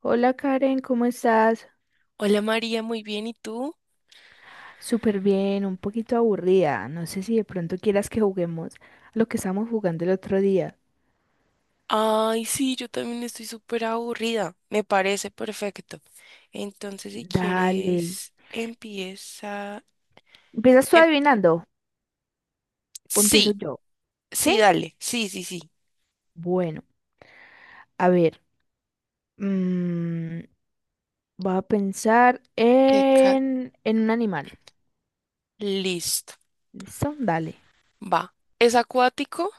Hola Karen, ¿cómo estás? Hola María, muy bien, ¿y tú? Súper bien, un poquito aburrida. No sé si de pronto quieras que juguemos lo que estábamos jugando el otro día. Ay, sí, yo también estoy súper aburrida, me parece perfecto. Entonces, si Dale. quieres, empieza... ¿Empiezas tú em- adivinando o empiezo sí, yo? sí, ¿Sí? dale, sí, sí, sí. Bueno, a ver. mm, Voy a pensar Qué ca- en un animal. Listo, ¿Listo? Dale. va. Es acuático,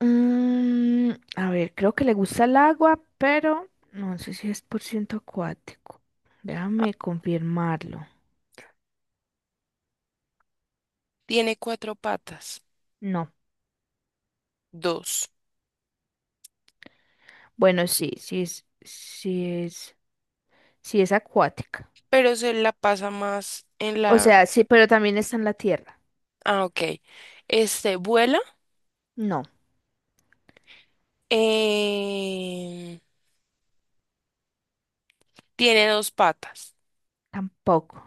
Mm, a ver, creo que le gusta el agua, pero no sé si es por ciento acuático. Déjame confirmarlo. tiene cuatro patas, No. dos, Bueno, sí, sí es acuática. pero se la pasa más en O la... sea, sí, pero también está en la tierra. Ah, ok. Este, vuela, No, em, tiene dos patas, tampoco.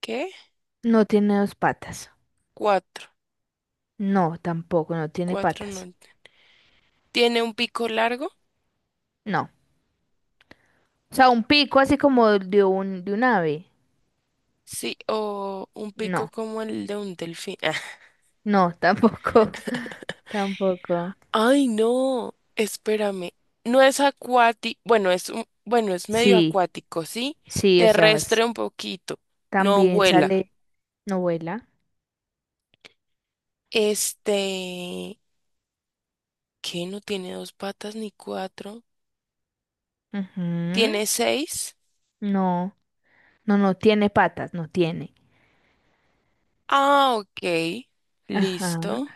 ¿qué? No tiene dos patas. Cuatro, No, tampoco, no tiene cuatro patas. no. ¿Tiene un pico largo? No. O sea, un pico así como de un ave. Sí, o un pico No, como el de un delfín. Ah. no, tampoco. Tampoco. Ay, no, espérame. No es acuático, bueno, es un, bueno, es medio Sí, acuático, ¿sí? sí, o sea, Terrestre un poquito, no también vuela. sale novela. Este, ¿qué? No tiene dos patas ni cuatro. Ujú. ¿Tiene seis? No, no, no tiene patas, no tiene. Ah, ok, Ajá. listo.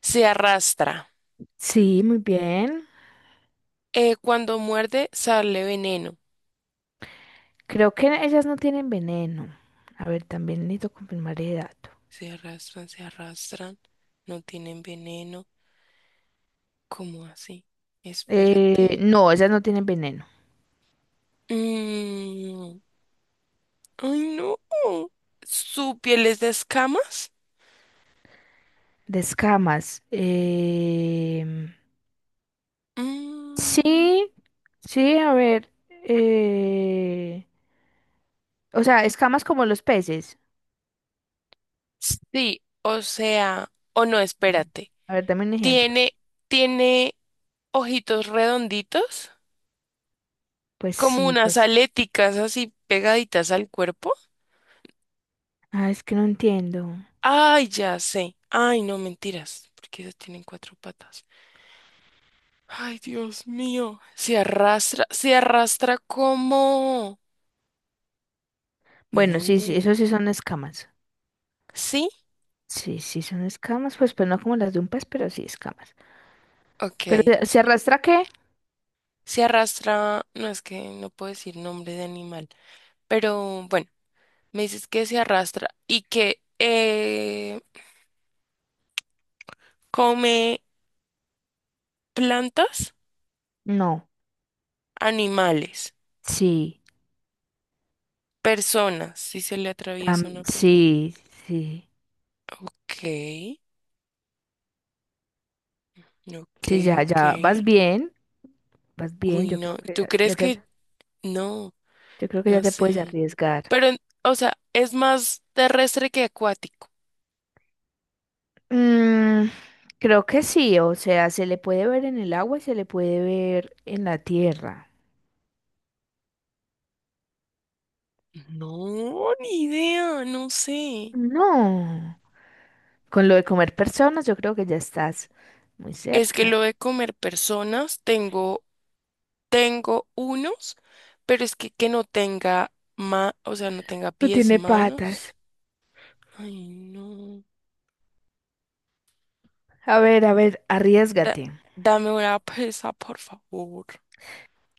Se arrastra. Sí, muy bien. Cuando muerde, sale veneno. Creo que ellas no tienen veneno. A ver, también necesito confirmar el dato. Se arrastran, no tienen veneno. ¿Cómo así? Espérate. No, ellas no tienen veneno. Mm, ay, no. ¿Su piel es de escamas? De escamas. Mm, Sí, sí, a ver. eh, o sea, escamas como los peces. sí, o sea, o no, Mm. espérate. A ver, dame un ejemplo. Tiene, tiene ojitos redonditos, Pues como sí, unas aléticas así pegaditas al cuerpo. ah, es que no entiendo. Ay, ya sé. Ay, no, mentiras, porque ellos tienen cuatro patas. Ay, Dios mío. Se arrastra como... Bueno, No. sí, sí, eso sí son escamas. Sí. Sí, sí son escamas, pues, pues no como las de un pez, pero sí escamas. Pero, Ok, ¿se arrastra qué? se arrastra, no es que no puedo decir nombre de animal, pero bueno, me dices que se arrastra y que come plantas, No. animales, Sí. personas, si se le atraviesa Tam- una persona. sí, sí, Ok, ok, sí, ok. Vas bien, Uy, no, ¿tú crees que no? yo creo que ya No te puedes sé. arriesgar. Pero, o sea, es más terrestre que acuático. Mm, creo que sí, o sea, se le puede ver en el agua y se le puede ver en la tierra. No, ni idea, no sé. No, con lo de comer personas, yo creo que ya estás muy Es que cerca. lo de comer personas, tengo Tengo unos, pero es que no tenga ma, o sea, no tenga No pies, tiene patas. manos. Ay, no. A ver, Da- arriesgate. dame una presa, por favor.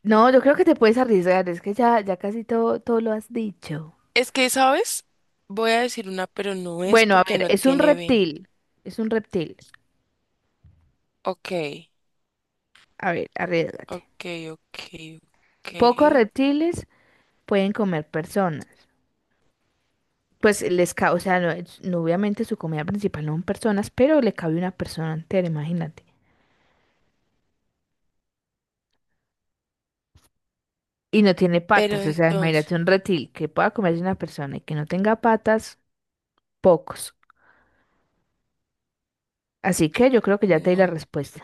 No, yo creo que te puedes arriesgar, es que ya casi todo lo has dicho. Es que, ¿sabes? Voy a decir una, pero no es Bueno, a porque ver, no es un tiene ven. reptil, es un reptil. Ok, A ver, arriesgate. ok, ok, ok. Pocos reptiles pueden comer personas. Pues les cabe, o sea, no, no, obviamente su comida principal no son personas, pero le cabe una persona entera, imagínate. Y no tiene Pero patas, o sea, entonces, imagínate un reptil que pueda comerse una persona y que no tenga patas, pocos. Así que yo creo que ya te di la no. respuesta.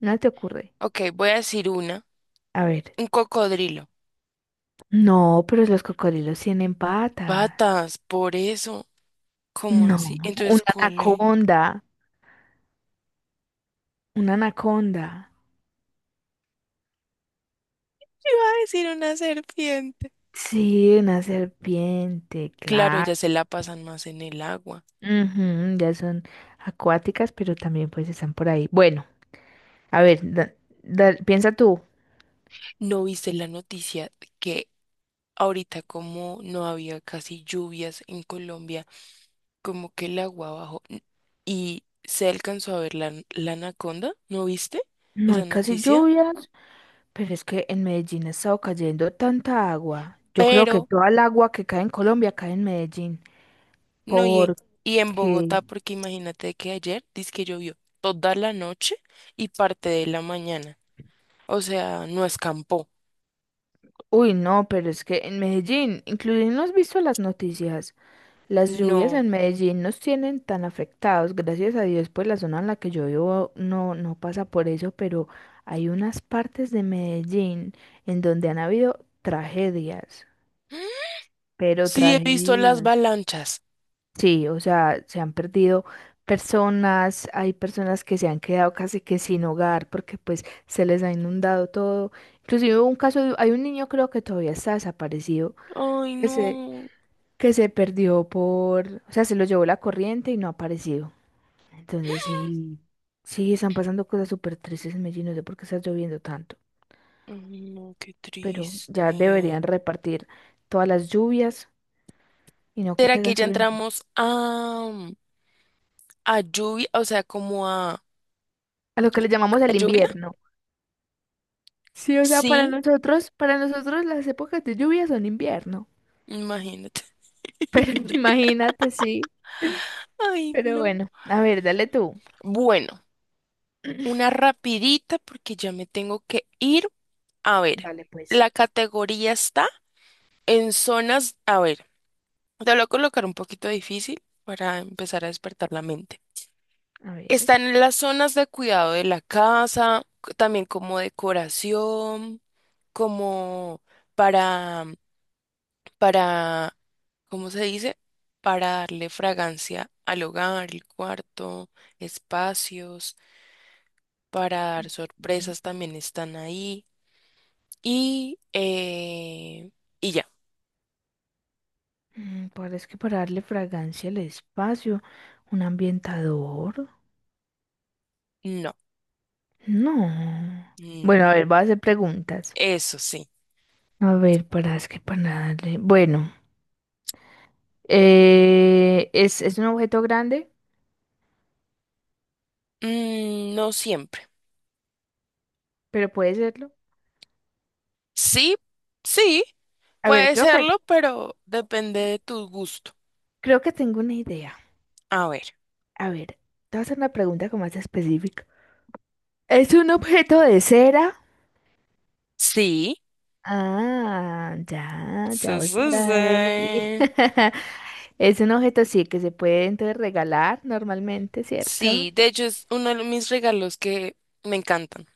¿No te ocurre? Ok, voy a decir una. A ver. Un cocodrilo. No, pero los cocodrilos tienen patas. Patas, por eso. ¿Cómo No, así? Entonces, una ¿cuál es? anaconda, una anaconda. Iba a decir una serpiente. Sí, una serpiente, Claro, claro. ellas se la pasan más en el agua. Ujú, ya son acuáticas, pero también pues están por ahí. Bueno, a ver, piensa tú. ¿No viste la noticia que ahorita como no había casi lluvias en Colombia, como que el agua bajó y se alcanzó a ver la, la anaconda? ¿No viste No hay esa casi noticia? lluvias, pero es que en Medellín ha estado cayendo tanta agua. Yo creo que Pero, toda el agua que cae en Colombia cae en Medellín. no, y en Bogotá, Porque, porque imagínate que ayer que llovió toda la noche y parte de la mañana. O sea, no escampó. uy, no, pero es que en Medellín, incluso no has visto las noticias. Las lluvias No. en Medellín nos tienen tan afectados, gracias a Dios, pues la zona en la que yo vivo no, no pasa por eso, pero hay unas partes de Medellín en donde han habido tragedias, pero Sí, he visto las tragedias. avalanchas. Sí, o sea, se han perdido personas, hay personas que se han quedado casi que sin hogar porque pues se les ha inundado todo. Inclusive hubo un caso, hay un niño creo que todavía está desaparecido, Ay, que se, no. que se perdió por, o sea, se lo llevó la corriente y no ha aparecido. Entonces sí, sí, están pasando cosas súper tristes en Medellín, no sé por qué está lloviendo tanto, No, qué pero ya triste. deberían repartir todas las lluvias y no que ¿Será que caigan ya solo entramos a lluvia? O sea, como ¿a a lo que le llamamos el lluvia? invierno. Sí, o sea, Sí, para nosotros las épocas de lluvia son invierno, imagínate. pero imagínate, sí, Ay, pero no. bueno, a ver, dale tú. Bueno, una rapidita porque ya me tengo que ir. A ver, Dale pues. la categoría está en zonas. A ver, te lo voy a colocar un poquito difícil para empezar a despertar la mente. A ver. Están en las zonas de cuidado de la casa, también como decoración. Como para, para, ¿cómo se dice? Para darle fragancia al hogar, el cuarto, espacios, para dar mm, sorpresas también están ahí. Y, eh, y ya, Parece que para darle fragancia al espacio, un ambientador. no, No. no, Bueno, a ver, voy a hacer preguntas. eso sí, A ver, para es que para darle. Bueno, es un objeto grande, mm, no siempre. pero puede serlo. Sí, sí, A ver, puede serlo, pero depende de tu gusto. creo que tengo una idea. A ver, A ver, te voy a hacer una pregunta como más específica. ¿Es un objeto de cera? sí. Ah, ya Sí, voy sí, por ahí. sí. Es un objeto, sí, que se puede entonces regalar normalmente, ¿cierto? Sí, de hecho es uno de mis regalos que me encantan.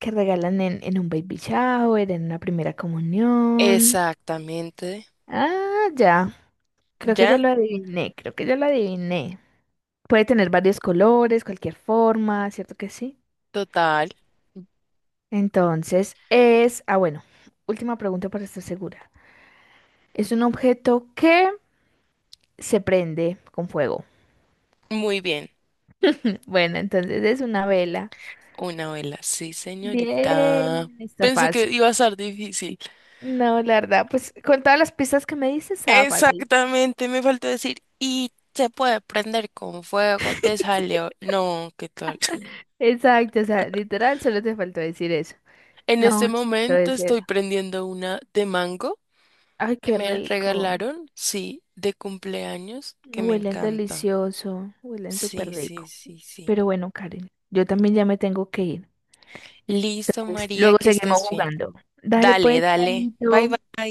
Que regalan en un baby shower, en una primera comunión. Exactamente. Ah, ya. Creo que ya Ya, lo adiviné, creo que ya lo adiviné. Puede tener varios colores, cualquier forma, ¿cierto que sí? total. Ah bueno, última pregunta para estar segura. Es un objeto que se prende con fuego. Muy bien. Bueno, entonces es una vela. Una vela. Sí, señorita. Bien, está Pensé que fácil. iba a ser difícil. No, la verdad, pues con todas las pistas que me dices, estaba fácil. Exactamente, me faltó decir. Y se puede prender con fuego, te salió. No, ¿qué tal? Exacto, o sea, literal, solo te faltó decir eso. En No, este esto momento debe ser. estoy prendiendo una de mango Ay, que qué me rico. regalaron, sí, de cumpleaños, que me Huelen encanta. delicioso, huelen súper Sí, sí, rico. sí, sí. Pero bueno, Karen, yo también ya me tengo que ir. Listo, Entonces, María, luego que seguimos estés bien. jugando. Dale Dale, pues, dale. Bye, chaito. bye.